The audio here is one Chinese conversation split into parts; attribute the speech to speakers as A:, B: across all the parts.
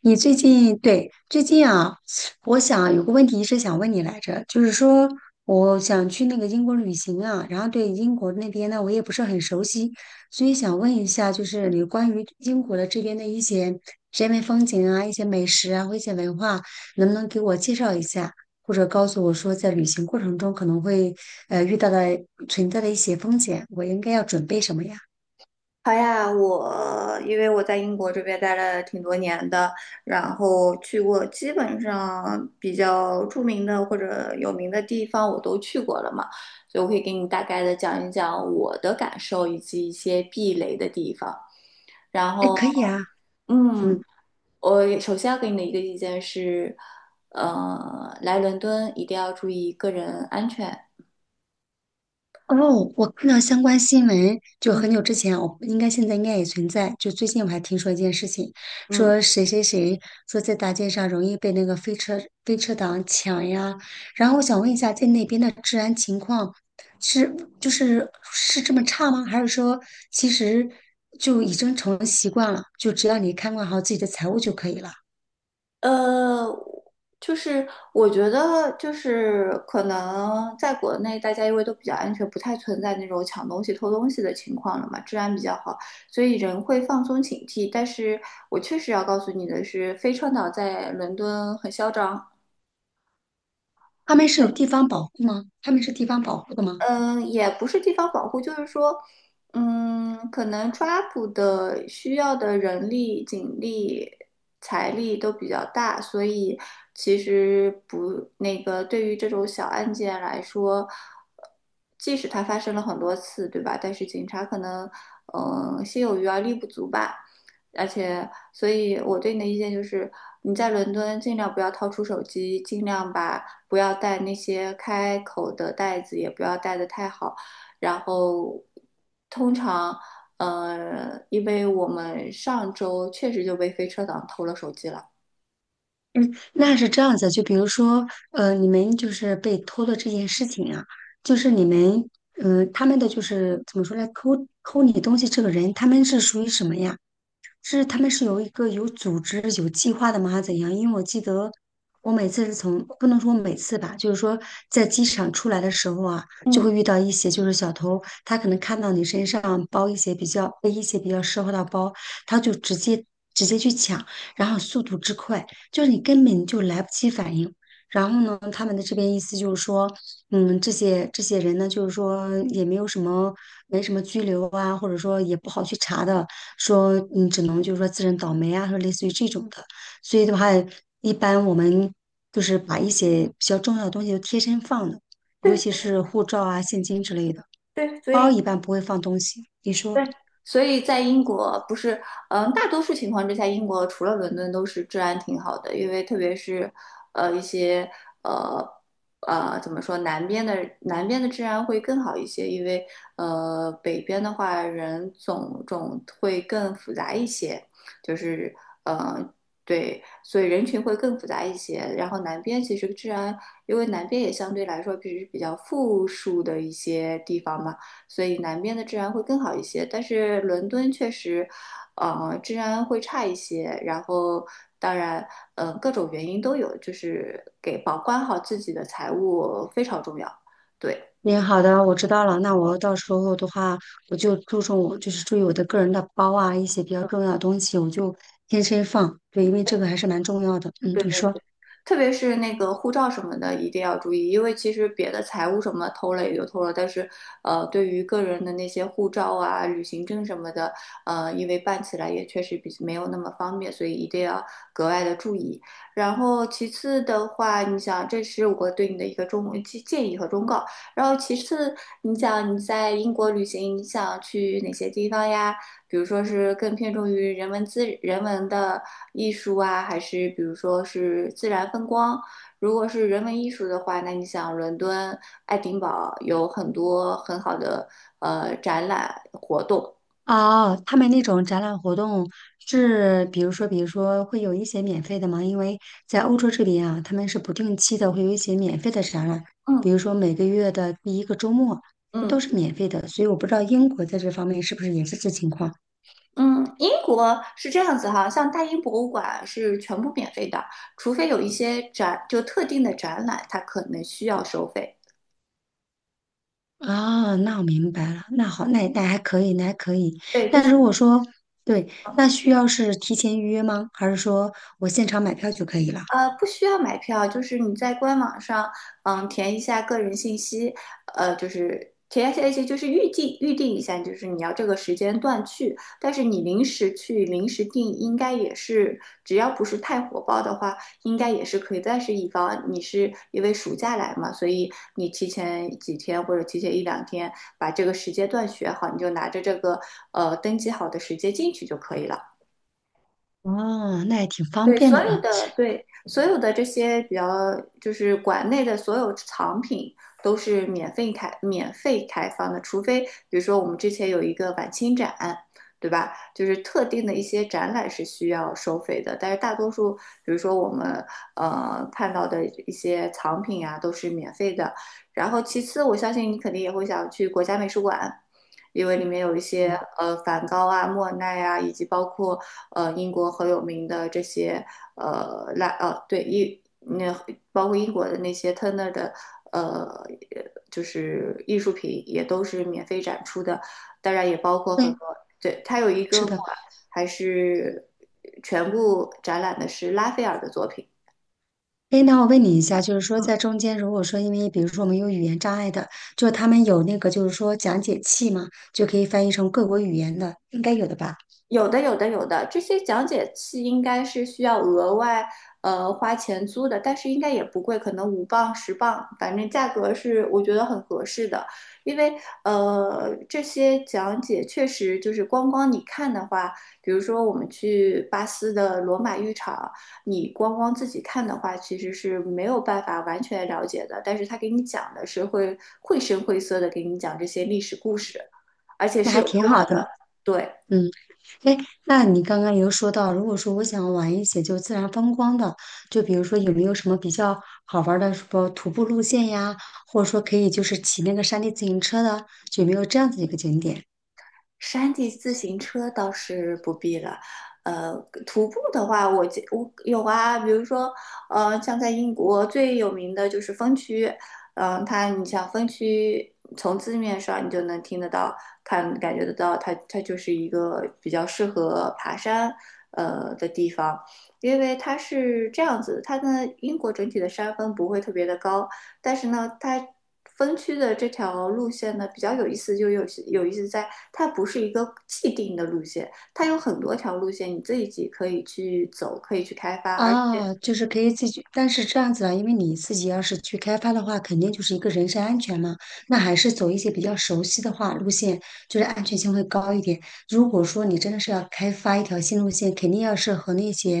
A: 你最近我想有个问题一直想问你来着，就是说我想去那个英国旅行啊，然后对英国那边呢我也不是很熟悉，所以想问一下，就是你关于英国的这边的一些人文风景啊、一些美食啊或一些文化，能不能给我介绍一下，或者告诉我说在旅行过程中可能会遇到的存在的一些风险，我应该要准备什么呀？
B: 好呀，我因为在英国这边待了挺多年的，然后去过基本上比较著名的或者有名的地方我都去过了嘛，所以我可以给你大概的讲一讲我的感受以及一些避雷的地方。然
A: 哎，
B: 后，
A: 可以啊。嗯。
B: 嗯，我首先要给你的一个意见是，来伦敦一定要注意个人安全。
A: 哦，我看到相关新闻，就
B: 嗯
A: 很久之前，我应该现在应该也存在。就最近我还听说一件事情，
B: 嗯。
A: 说谁谁谁说在大街上容易被那个飞车党抢呀。然后我想问一下，在那边的治安情况是这么差吗？还是说其实就已经成了习惯了，就只要你看管好自己的财物就可以了？
B: 呃，就是我觉得，就是可能在国内大家因为都比较安全，不太存在那种抢东西、偷东西的情况了嘛，治安比较好，所以人会放松警惕。但是我确实要告诉你的是，飞川岛在伦敦很嚣张。
A: 他们是有地方保护吗？他们是地方保护的吗？
B: 嗯，也不是地方保护，就是说，可能抓捕的需要的人力、警力、财力都比较大，所以其实不，那个对于这种小案件来说，即使它发生了很多次，对吧？但是警察可能，心有余而力不足吧。而且，所以我对你的意见就是，你在伦敦尽量不要掏出手机，尽量把。不要带那些开口的袋子，也不要带的太好。然后，通常，因为我们上周确实就被飞车党偷了手机了。
A: 嗯，那是这样子，就比如说，你们就是被偷的这件事情啊，就是你们，嗯、他们的就是怎么说呢，偷你东西这个人，他们是属于什么呀？是他们是有一个有组织、有计划的吗？还是怎样？因为我记得我每次是从，不能说每次吧，就是说在机场出来的时候啊，就
B: 嗯，
A: 会遇到一些就是小偷，他可能看到你身上包一些比较背一些比较奢华的包，他就直接去抢，然后速度之快，就是你根本就来不及反应。然后呢，他们的这边意思就是说，嗯，这些人呢，就是说也没有什么，没什么拘留啊，或者说也不好去查的，说你只能就是说自认倒霉啊，说类似于这种的。所以的话，一般我们就是把一些比较重要的东西都贴身放的，尤
B: 对
A: 其是护照啊、现金之类的，
B: 对，所
A: 包
B: 以
A: 一般不会放东西。你
B: 对，
A: 说？
B: 所以在英国不是，嗯，大多数情况之下，英国除了伦敦都是治安挺好的，因为特别是，呃，一些呃怎么说，南边的治安会更好一些，因为北边的话人种会更复杂一些，就是嗯，对，所以人群会更复杂一些。然后南边其实治安，因为南边也相对来说比较富庶的一些地方嘛。所以南边的治安会更好一些。但是伦敦确实，治安会差一些。当然，各种原因都有，就是给保管好自己的财物非常重要。对。
A: 你好的，我知道了。那我到时候的话，我就注重我就是注意我的个人的包啊，一些比较重要的东西，我就天天放。对，因为这个还是蛮重要的。嗯，你说。
B: 特别是那个护照什么的，一定要注意，因为其实别的财务什么偷了也就偷了，但是对于个人的那些护照啊、旅行证什么的，因为办起来也确实比没有那么方便，所以一定要格外的注意。然后其次的话，你想，这是我对你的一个建议和忠告。然后其次，你想你在英国旅行，你想去哪些地方呀？比如说是更偏重于人文的艺术啊，还是比如说是自然风光？如果是人文艺术的话，那你想伦敦、爱丁堡有很多很好的展览活动。
A: 哦，他们那种展览活动是，比如说会有一些免费的吗？因为在欧洲这边啊，他们是不定期的会有一些免费的展览，
B: 嗯
A: 比如说每个月的第一个周末，这
B: 嗯
A: 都是免费的。所以我不知道英国在这方面是不是也是这情况。
B: 嗯，英国是这样子哈，像大英博物馆是全部免费的，除非有一些特定的展览，它可能需要收费。
A: 啊，那我明白了。那好，那还可以。
B: 对，就
A: 那
B: 是
A: 如果说，对，那需要是提前预约吗？还是说我现场买票就可以了？
B: 不需要买票，就是你在官网上，填一下个人信息，呃，就是填一下，就是预定一下，就是你要这个时间段去。但是你临时去临时定，应该也是，只要不是太火爆的话，应该也是可以。但是以防你是因为暑假来嘛，所以你提前几天或者提前一两天把这个时间段选好，你就拿着这个登记好的时间进去就可以了。
A: 哦，那也挺方便的啊。
B: 对，所有的这些比较，就是馆内的所有藏品都是免费开放的，除非比如说我们之前有一个晚清展，对吧？就是特定的一些展览是需要收费的，但是大多数，比如说我们看到的一些藏品啊，都是免费的。然后其次，我相信你肯定也会想去国家美术馆。因为里面有一些
A: 嗯，
B: 梵高啊、莫奈啊，以及包括英国很有名的这些呃拉呃对英那包括英国的那些 Turner 的呃就是艺术品也都是免费展出的，当然也包括很
A: 对，
B: 多对它有一
A: 是
B: 个
A: 的。
B: 馆还是全部展览的是拉斐尔的作品。
A: 哎，那我问你一下，就是说在中间，如果说因为比如说我们有语言障碍的，就他们有那个就是说讲解器嘛，就可以翻译成各国语言的，应该有的吧？
B: 有的，有的，有的，这些讲解器应该是需要额外花钱租的，但是应该也不贵，可能£5£10，反正价格是我觉得很合适的。因为这些讲解确实就是光光你看的话，比如说我们去巴斯的罗马浴场，你光光自己看的话，其实是没有办法完全了解的。但是他给你讲的是会绘声绘色的给你讲这些历史故事，而且
A: 那
B: 是
A: 还
B: 有中
A: 挺
B: 文，
A: 好的。
B: 对。
A: 嗯。哎，那你刚刚有说到，如果说我想玩一些就自然风光的，就比如说有没有什么比较好玩儿的什么徒步路线呀，或者说可以就是骑那个山地自行车的，就有没有这样子一个景点？
B: 山地自行车倒是不必了，呃，徒步的话我有啊，比如说，呃，像在英国最有名的就是风区，它你像风区从字面上你就能听得到，看感觉得到它，它就是一个比较适合爬山的地方，因为它是这样子，它的英国整体的山峰不会特别的高，但是呢，它分区的这条路线呢比较有意思，就有意思在它不是一个既定的路线，它有很多条路线，你自己可以去走，可以去开发，而且。
A: 啊，就是可以自己，但是这样子啊，因为你自己要是去开发的话，肯定就是一个人身安全嘛，那还是走一些比较熟悉的话路线，就是安全性会高一点。如果说你真的是要开发一条新路线，肯定要是和那些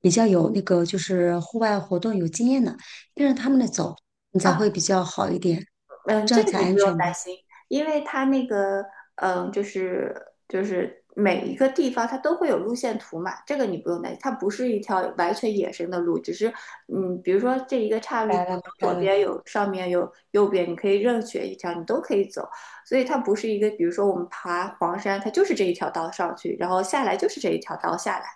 A: 比较有那个就是户外活动有经验的，跟着他们的走，你才会比较好一点，
B: 嗯，
A: 这
B: 这
A: 样
B: 个
A: 才
B: 你
A: 安
B: 不用
A: 全
B: 担
A: 吧。
B: 心，因为它那个，嗯，就是就是每一个地方它都会有路线图嘛，这个你不用担心，它不是一条完全野生的路，只是，比如说这一个岔
A: 明
B: 路，
A: 白了，明白
B: 左
A: 了，
B: 边有上面有右边，你可以任选一条，你都可以走，所以它不是一个，比如说我们爬黄山，它就是这一条道上去，然后下来就是这一条道下来，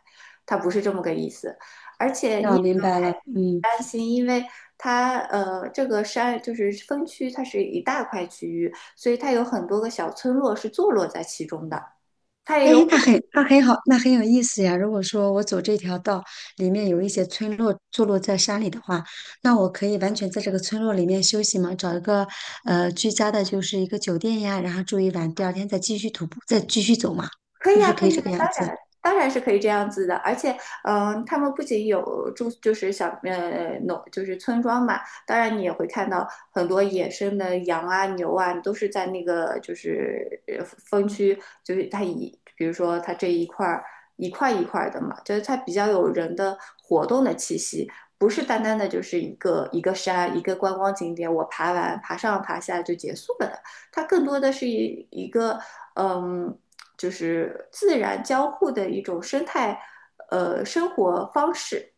B: 它不是这么个意思，而且
A: 那
B: 你
A: 我
B: 也不
A: 明
B: 用
A: 白
B: 太
A: 了，嗯。
B: 担心，因为它这个山就是分区，它是一大块区域，所以它有很多个小村落是坐落在其中的。它也
A: 哎，
B: 有古
A: 那很好，那很有意思呀。如果说我走这条道里面有一些村落坐落在山里的话，那我可以完全在这个村落里面休息嘛，找一个居家的，就是一个酒店呀，然后住一晚，第二天再继续徒步，再继续走嘛，
B: 可
A: 是
B: 以
A: 不
B: 啊，
A: 是可
B: 可
A: 以
B: 以啊，
A: 这个样
B: 当
A: 子？
B: 然，当然是可以这样子的。而且，他们不仅有住，就是农，就是村庄嘛。当然，你也会看到很多野生的羊啊、牛啊，都是在那个就是分区，就是它一，比如说它这一块儿一块一块的嘛，就是它比较有人的活动的气息。不是单单的就是一个一个山一个观光景点，我爬完爬上爬下就结束了的，它更多的是一个嗯就是自然交互的一种生态，生活方式，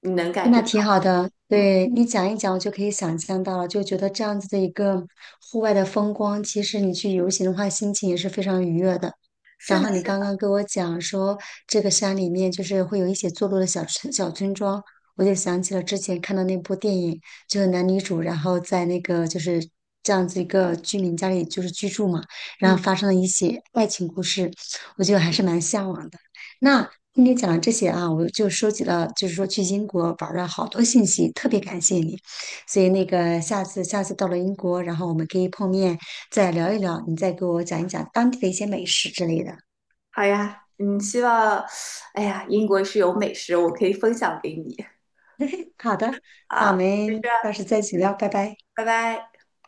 B: 你能感觉
A: 那
B: 到
A: 挺好的，
B: 嗯，
A: 对你讲一讲，我就可以想象到了，就觉得这样子的一个户外的风光，其实你去游行的话，心情也是非常愉悦的。
B: 是
A: 然
B: 的
A: 后你
B: 是的，
A: 刚刚跟我讲说，这个山里面就是会有一些坐落的小村庄，我就想起了之前看的那部电影，就是男女主，然后在那个就是这样子一个居民家里就是居住嘛，然
B: 嗯，
A: 后发生了一些爱情故事，我觉得还是蛮向往的。那听你讲了这些啊，我就收集了，就是说去英国玩儿了好多信息，特别感谢你。所以那个下次到了英国，然后我们可以碰面再聊一聊，你再给我讲一讲当地的一些美食之类的。
B: 好呀，希望，哎呀，英国是有美食，我可以分享给你
A: 好的，那我
B: 啊，就这
A: 们
B: 样，
A: 到时再一起聊，拜拜。
B: 拜拜。